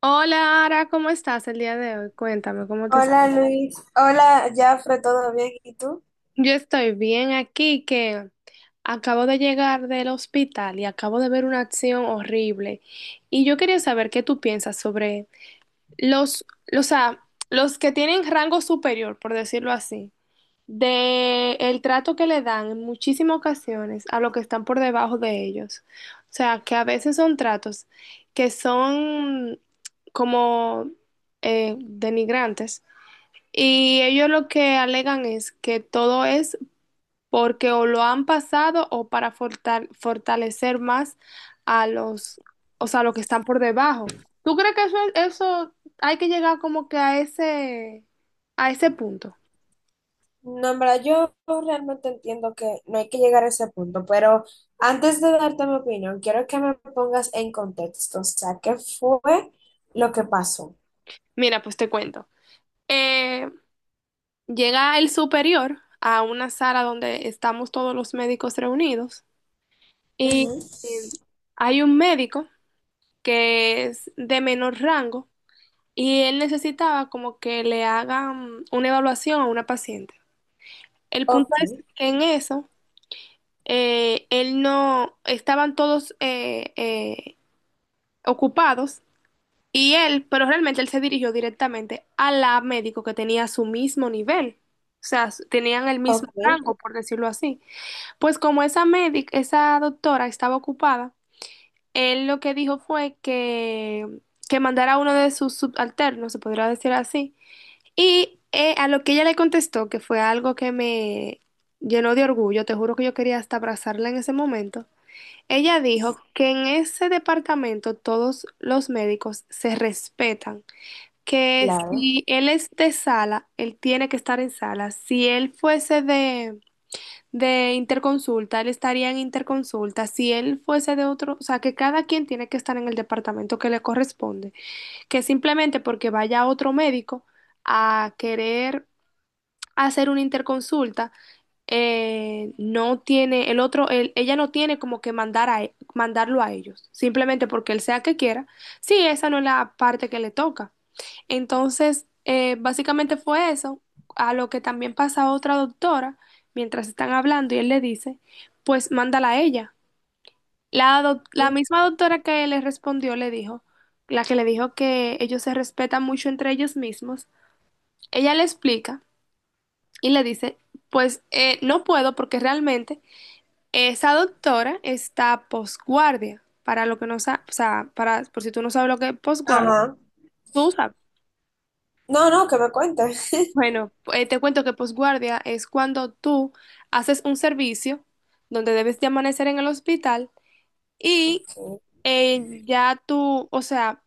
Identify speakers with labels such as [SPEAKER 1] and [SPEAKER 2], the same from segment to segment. [SPEAKER 1] Hola, Ara, ¿cómo estás el día de hoy? Cuéntame, ¿cómo te
[SPEAKER 2] Hola
[SPEAKER 1] sientes?
[SPEAKER 2] Luis, hola Jafre, ¿todo bien? ¿Y tú?
[SPEAKER 1] Yo estoy bien aquí, que acabo de llegar del hospital y acabo de ver una acción horrible. Y yo quería saber qué tú piensas sobre los, o sea, los que tienen rango superior, por decirlo así, de el trato que le dan en muchísimas ocasiones a los que están por debajo de ellos. O sea, que a veces son tratos que son como denigrantes. Y ellos lo que alegan es que todo es porque o lo han pasado o para fortalecer más a los, o sea, los que están por debajo. ¿Tú crees que eso hay que llegar como que a ese punto?
[SPEAKER 2] No, en verdad, yo realmente entiendo que no hay que llegar a ese punto, pero antes de darte mi opinión, quiero que me pongas en contexto, o sea, ¿qué fue lo que pasó?
[SPEAKER 1] Mira, pues te cuento. Eh, Llega el superior a una sala donde estamos todos los médicos reunidos y
[SPEAKER 2] Ujú.
[SPEAKER 1] eh, hay un médico que es de menor rango. Y él necesitaba como que le hagan una evaluación a una paciente. El punto
[SPEAKER 2] Ok,
[SPEAKER 1] es que en eso, él no, estaban todos ocupados y él, pero realmente él se dirigió directamente a la médico que tenía su mismo nivel. O sea, tenían el mismo
[SPEAKER 2] ok,
[SPEAKER 1] rango, por decirlo así. Pues como esa médica, esa doctora estaba ocupada, él lo que dijo fue que mandara a uno de sus subalternos, se podría decir así. Y a lo que ella le contestó, que fue algo que me llenó de orgullo, te juro que yo quería hasta abrazarla en ese momento, ella dijo que en ese departamento todos los médicos se respetan, que
[SPEAKER 2] claro.
[SPEAKER 1] si él es de sala, él tiene que estar en sala, si él fuese de interconsulta, él estaría en interconsulta, si él fuese de otro, o sea, que cada quien tiene que estar en el departamento que le corresponde, que simplemente porque vaya otro médico a querer hacer una interconsulta, no tiene el otro, ella no tiene como que mandar a, mandarlo a ellos, simplemente porque él sea que quiera. Sí, esa no es la parte que le toca. Entonces, básicamente fue eso, a lo que también pasa otra doctora, mientras están hablando y él le dice, pues mándala a ella. La, la
[SPEAKER 2] Ujú.
[SPEAKER 1] misma doctora que le respondió le dijo, la que le dijo que ellos se respetan mucho entre ellos mismos, ella le explica y le dice, pues no puedo porque realmente esa doctora está posguardia. Para lo que no sabes, o sea, para, por si tú no sabes lo que es posguardia,
[SPEAKER 2] Ajá.
[SPEAKER 1] tú sabes.
[SPEAKER 2] No, no, que me cuentes.
[SPEAKER 1] Bueno, te cuento que posguardia es cuando tú haces un servicio donde debes de amanecer en el hospital y ya tú, o sea,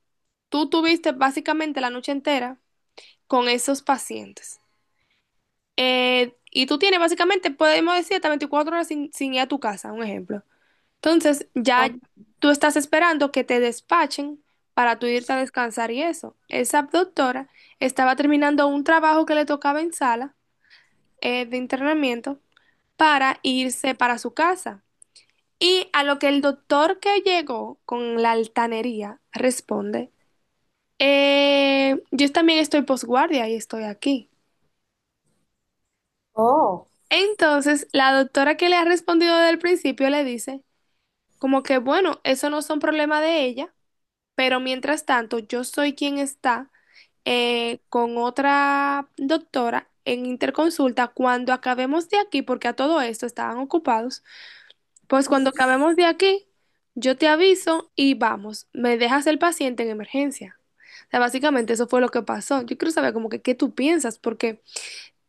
[SPEAKER 1] tú tuviste básicamente la noche entera con esos pacientes. Y tú tienes básicamente, podemos decir, hasta 24 horas sin ir a tu casa, un ejemplo. Entonces, ya
[SPEAKER 2] Ok.
[SPEAKER 1] tú estás esperando que te despachen para tú irte a descansar y eso. Esa doctora estaba terminando un trabajo que le tocaba en sala de internamiento para irse para su casa. Y a lo que el doctor que llegó con la altanería responde, yo también estoy posguardia y estoy aquí." Entonces, la doctora que le ha respondido desde el principio le dice, como que bueno, eso no son problema de ella. Pero mientras tanto, yo soy quien está con otra doctora en interconsulta cuando acabemos de aquí, porque a todo esto estaban ocupados. Pues cuando
[SPEAKER 2] Oh.
[SPEAKER 1] acabemos de aquí, yo te aviso y vamos, me dejas el paciente en emergencia. O sea, básicamente eso fue lo que pasó. Yo quiero saber como que qué tú piensas, porque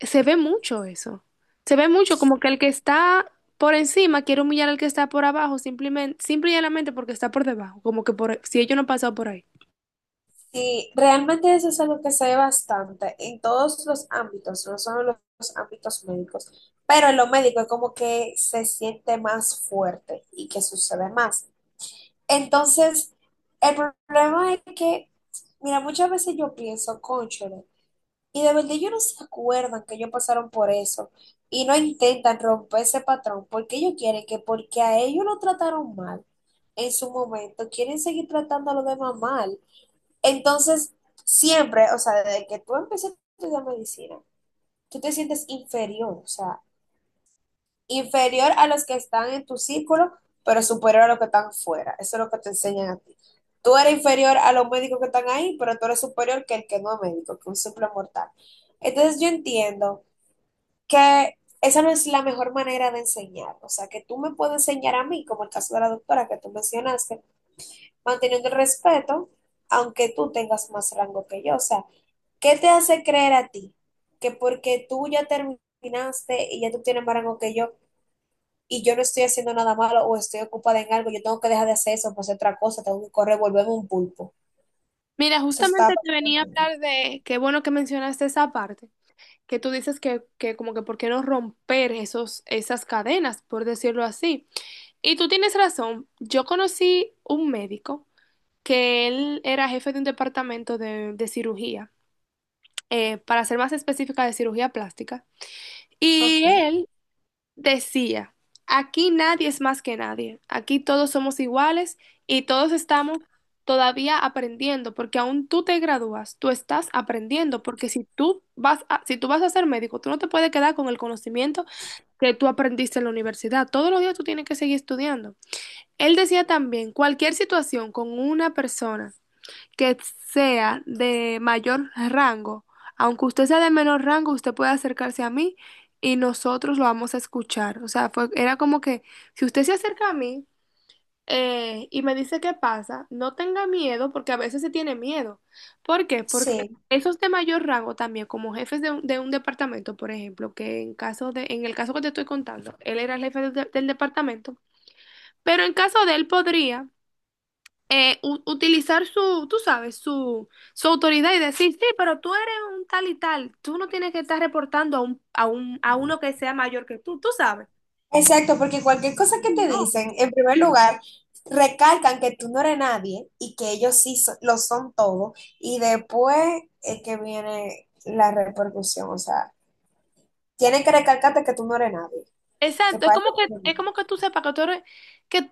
[SPEAKER 1] se ve mucho eso. Se ve mucho como que el que está por encima quiere humillar al que está por abajo, simplemente, simple y llanamente porque está por debajo, como que por, si ellos no han pasado por ahí.
[SPEAKER 2] Sí, realmente eso es algo que se ve bastante en todos los ámbitos, no solo en los ámbitos médicos, pero en lo médico es como que se siente más fuerte y que sucede más. Entonces, el problema es que, mira, muchas veces yo pienso, cónchale, y de verdad ellos no se acuerdan que ellos pasaron por eso y no intentan romper ese patrón porque ellos quieren que porque a ellos lo trataron mal en su momento, quieren seguir tratándolo de demás mal. Entonces, siempre, o sea, desde que tú empiezas a estudiar medicina, tú te sientes inferior, o sea, inferior a los que están en tu círculo, pero superior a los que están fuera. Eso es lo que te enseñan a ti. Tú eres inferior a los médicos que están ahí, pero tú eres superior que el que no es médico, que un simple mortal. Entonces, yo entiendo que esa no es la mejor manera de enseñar. O sea, que tú me puedes enseñar a mí, como el caso de la doctora que tú mencionaste, manteniendo el respeto, aunque tú tengas más rango que yo. O sea, ¿qué te hace creer a ti que porque tú ya terminaste y ya tú tienes más rango que yo y yo no estoy haciendo nada malo o estoy ocupada en algo, yo tengo que dejar de hacer eso, pues otra cosa, tengo que correr, volverme un pulpo?
[SPEAKER 1] Mira,
[SPEAKER 2] Eso está
[SPEAKER 1] justamente te venía a
[SPEAKER 2] bastante bien.
[SPEAKER 1] hablar de, qué bueno que mencionaste esa parte, que tú dices que como que por qué no romper esos, esas cadenas, por decirlo así. Y tú tienes razón, yo conocí un médico que él era jefe de un departamento de cirugía, para ser más específica de cirugía plástica, y
[SPEAKER 2] Ok.
[SPEAKER 1] él decía, aquí nadie es más que nadie, aquí todos somos iguales y todos estamos todavía aprendiendo, porque aún tú te gradúas, tú estás aprendiendo, porque si tú vas a, si tú vas a ser médico, tú no te puedes quedar con el conocimiento que tú aprendiste en la universidad, todos los días tú tienes que seguir estudiando. Él decía también, cualquier situación con una persona que sea de mayor rango, aunque usted sea de menor rango, usted puede acercarse a mí y nosotros lo vamos a escuchar. O sea, fue, era como que si usted se acerca a mí y me dice qué pasa, no tenga miedo porque a veces se tiene miedo. ¿Por qué? Porque
[SPEAKER 2] Sí,
[SPEAKER 1] esos de mayor rango también, como jefes de un departamento, por ejemplo, que en caso de, en el caso que te estoy contando, él era el del departamento, pero en caso de él podría utilizar su, tú sabes, su autoridad y decir, sí, pero tú eres un tal y tal, tú no tienes que estar reportando a un, a un, a uno que sea mayor que tú sabes.
[SPEAKER 2] exacto, porque cualquier cosa que te
[SPEAKER 1] No.
[SPEAKER 2] dicen, en primer lugar, recalcan que tú no eres nadie y que ellos sí so- lo son todo y después es que viene la repercusión, o sea, tienen que recalcarte que tú no eres nadie, que
[SPEAKER 1] Exacto,
[SPEAKER 2] parece.
[SPEAKER 1] es como que tú sepas que tú eres, que,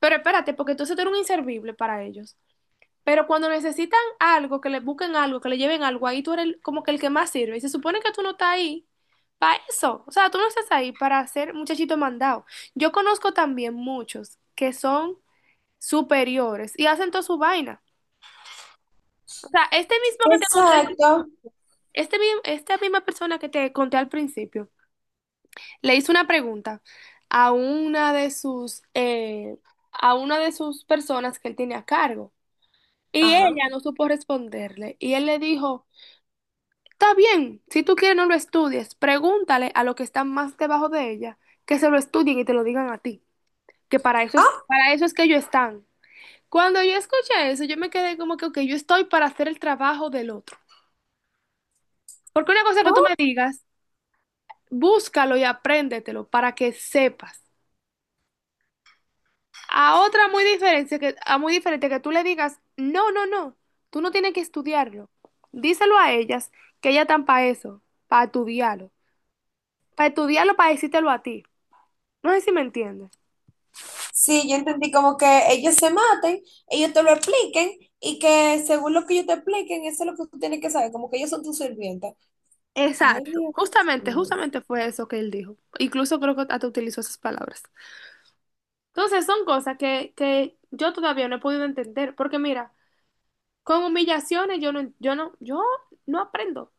[SPEAKER 1] pero espérate, porque entonces tú eres un inservible para ellos. Pero cuando necesitan algo, que le busquen algo, que le lleven algo, ahí tú eres como que el que más sirve. Y se supone que tú no estás ahí para eso. O sea, tú no estás ahí para ser muchachito mandado. Yo conozco también muchos que son superiores y hacen toda su vaina. O sea, este mismo que te conté,
[SPEAKER 2] Exacto.
[SPEAKER 1] esta misma persona que te conté al principio, le hizo una pregunta a una de sus, a una de sus personas que él tiene a cargo y
[SPEAKER 2] Ajá.
[SPEAKER 1] ella no supo responderle y él le dijo, está bien, si tú quieres no lo estudies, pregúntale a los que están más debajo de ella que se lo estudien y te lo digan a ti, que
[SPEAKER 2] Ah.
[SPEAKER 1] para eso es que ellos están. Cuando yo escuché eso, yo me quedé como que, ok, yo estoy para hacer el trabajo del otro. Porque una cosa que tú me
[SPEAKER 2] Oh,
[SPEAKER 1] digas, búscalo y apréndetelo para que sepas. A otra muy diferente que, a muy diferente que tú le digas, no, no, no, tú no tienes que estudiarlo. Díselo a ellas que ellas están para eso, para estudiarlo. Para estudiarlo, para decírtelo a ti. No sé si me entiendes.
[SPEAKER 2] sí, yo entendí como que ellos se maten, ellos te lo expliquen y que según lo que ellos te expliquen, eso es lo que tú tienes que saber, como que ellos son tus sirvientes. Ay,
[SPEAKER 1] Exacto,
[SPEAKER 2] Dios
[SPEAKER 1] justamente,
[SPEAKER 2] mío.
[SPEAKER 1] justamente fue eso que él dijo. Incluso creo que hasta utilizó esas palabras. Entonces son cosas que yo todavía no he podido entender, porque mira, con humillaciones yo no aprendo.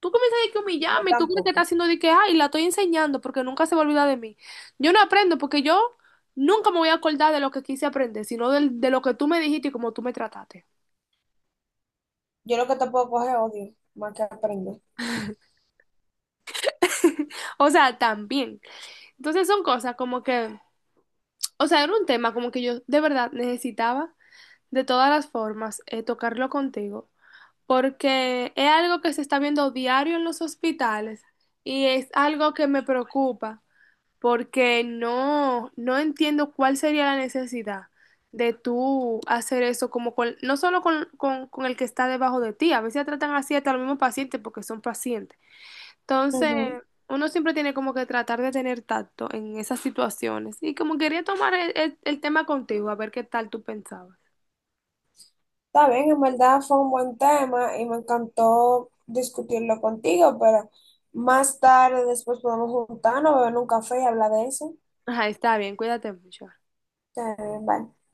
[SPEAKER 1] Tú comienzas de que
[SPEAKER 2] Yo
[SPEAKER 1] humillarme, tú crees que estás
[SPEAKER 2] tampoco.
[SPEAKER 1] haciendo de que, ay, la estoy enseñando porque nunca se va a olvidar de mí. Yo no aprendo porque yo nunca me voy a acordar de lo que quise aprender, sino de, lo que tú me dijiste y cómo tú me trataste.
[SPEAKER 2] Yo lo que te puedo coger es odio, más que aprender.
[SPEAKER 1] O sea, también. Entonces son cosas como que, o sea, era un tema como que yo de verdad necesitaba de todas las formas tocarlo contigo, porque es algo que se está viendo diario en los hospitales y es algo que me preocupa. Porque no, no entiendo cuál sería la necesidad de tú hacer eso como con, no solo con el que está debajo de ti, a veces tratan así hasta los mismos pacientes porque son pacientes. Entonces,
[SPEAKER 2] Ujú.
[SPEAKER 1] uno siempre tiene como que tratar de tener tacto en esas situaciones. Y como quería tomar el, el tema contigo, a ver qué tal tú pensabas.
[SPEAKER 2] Está bien, en verdad fue un buen tema y me encantó discutirlo contigo, pero más tarde después podemos juntarnos, beber un café y hablar de eso.
[SPEAKER 1] Ajá, está bien, cuídate mucho.
[SPEAKER 2] Está bien, bye.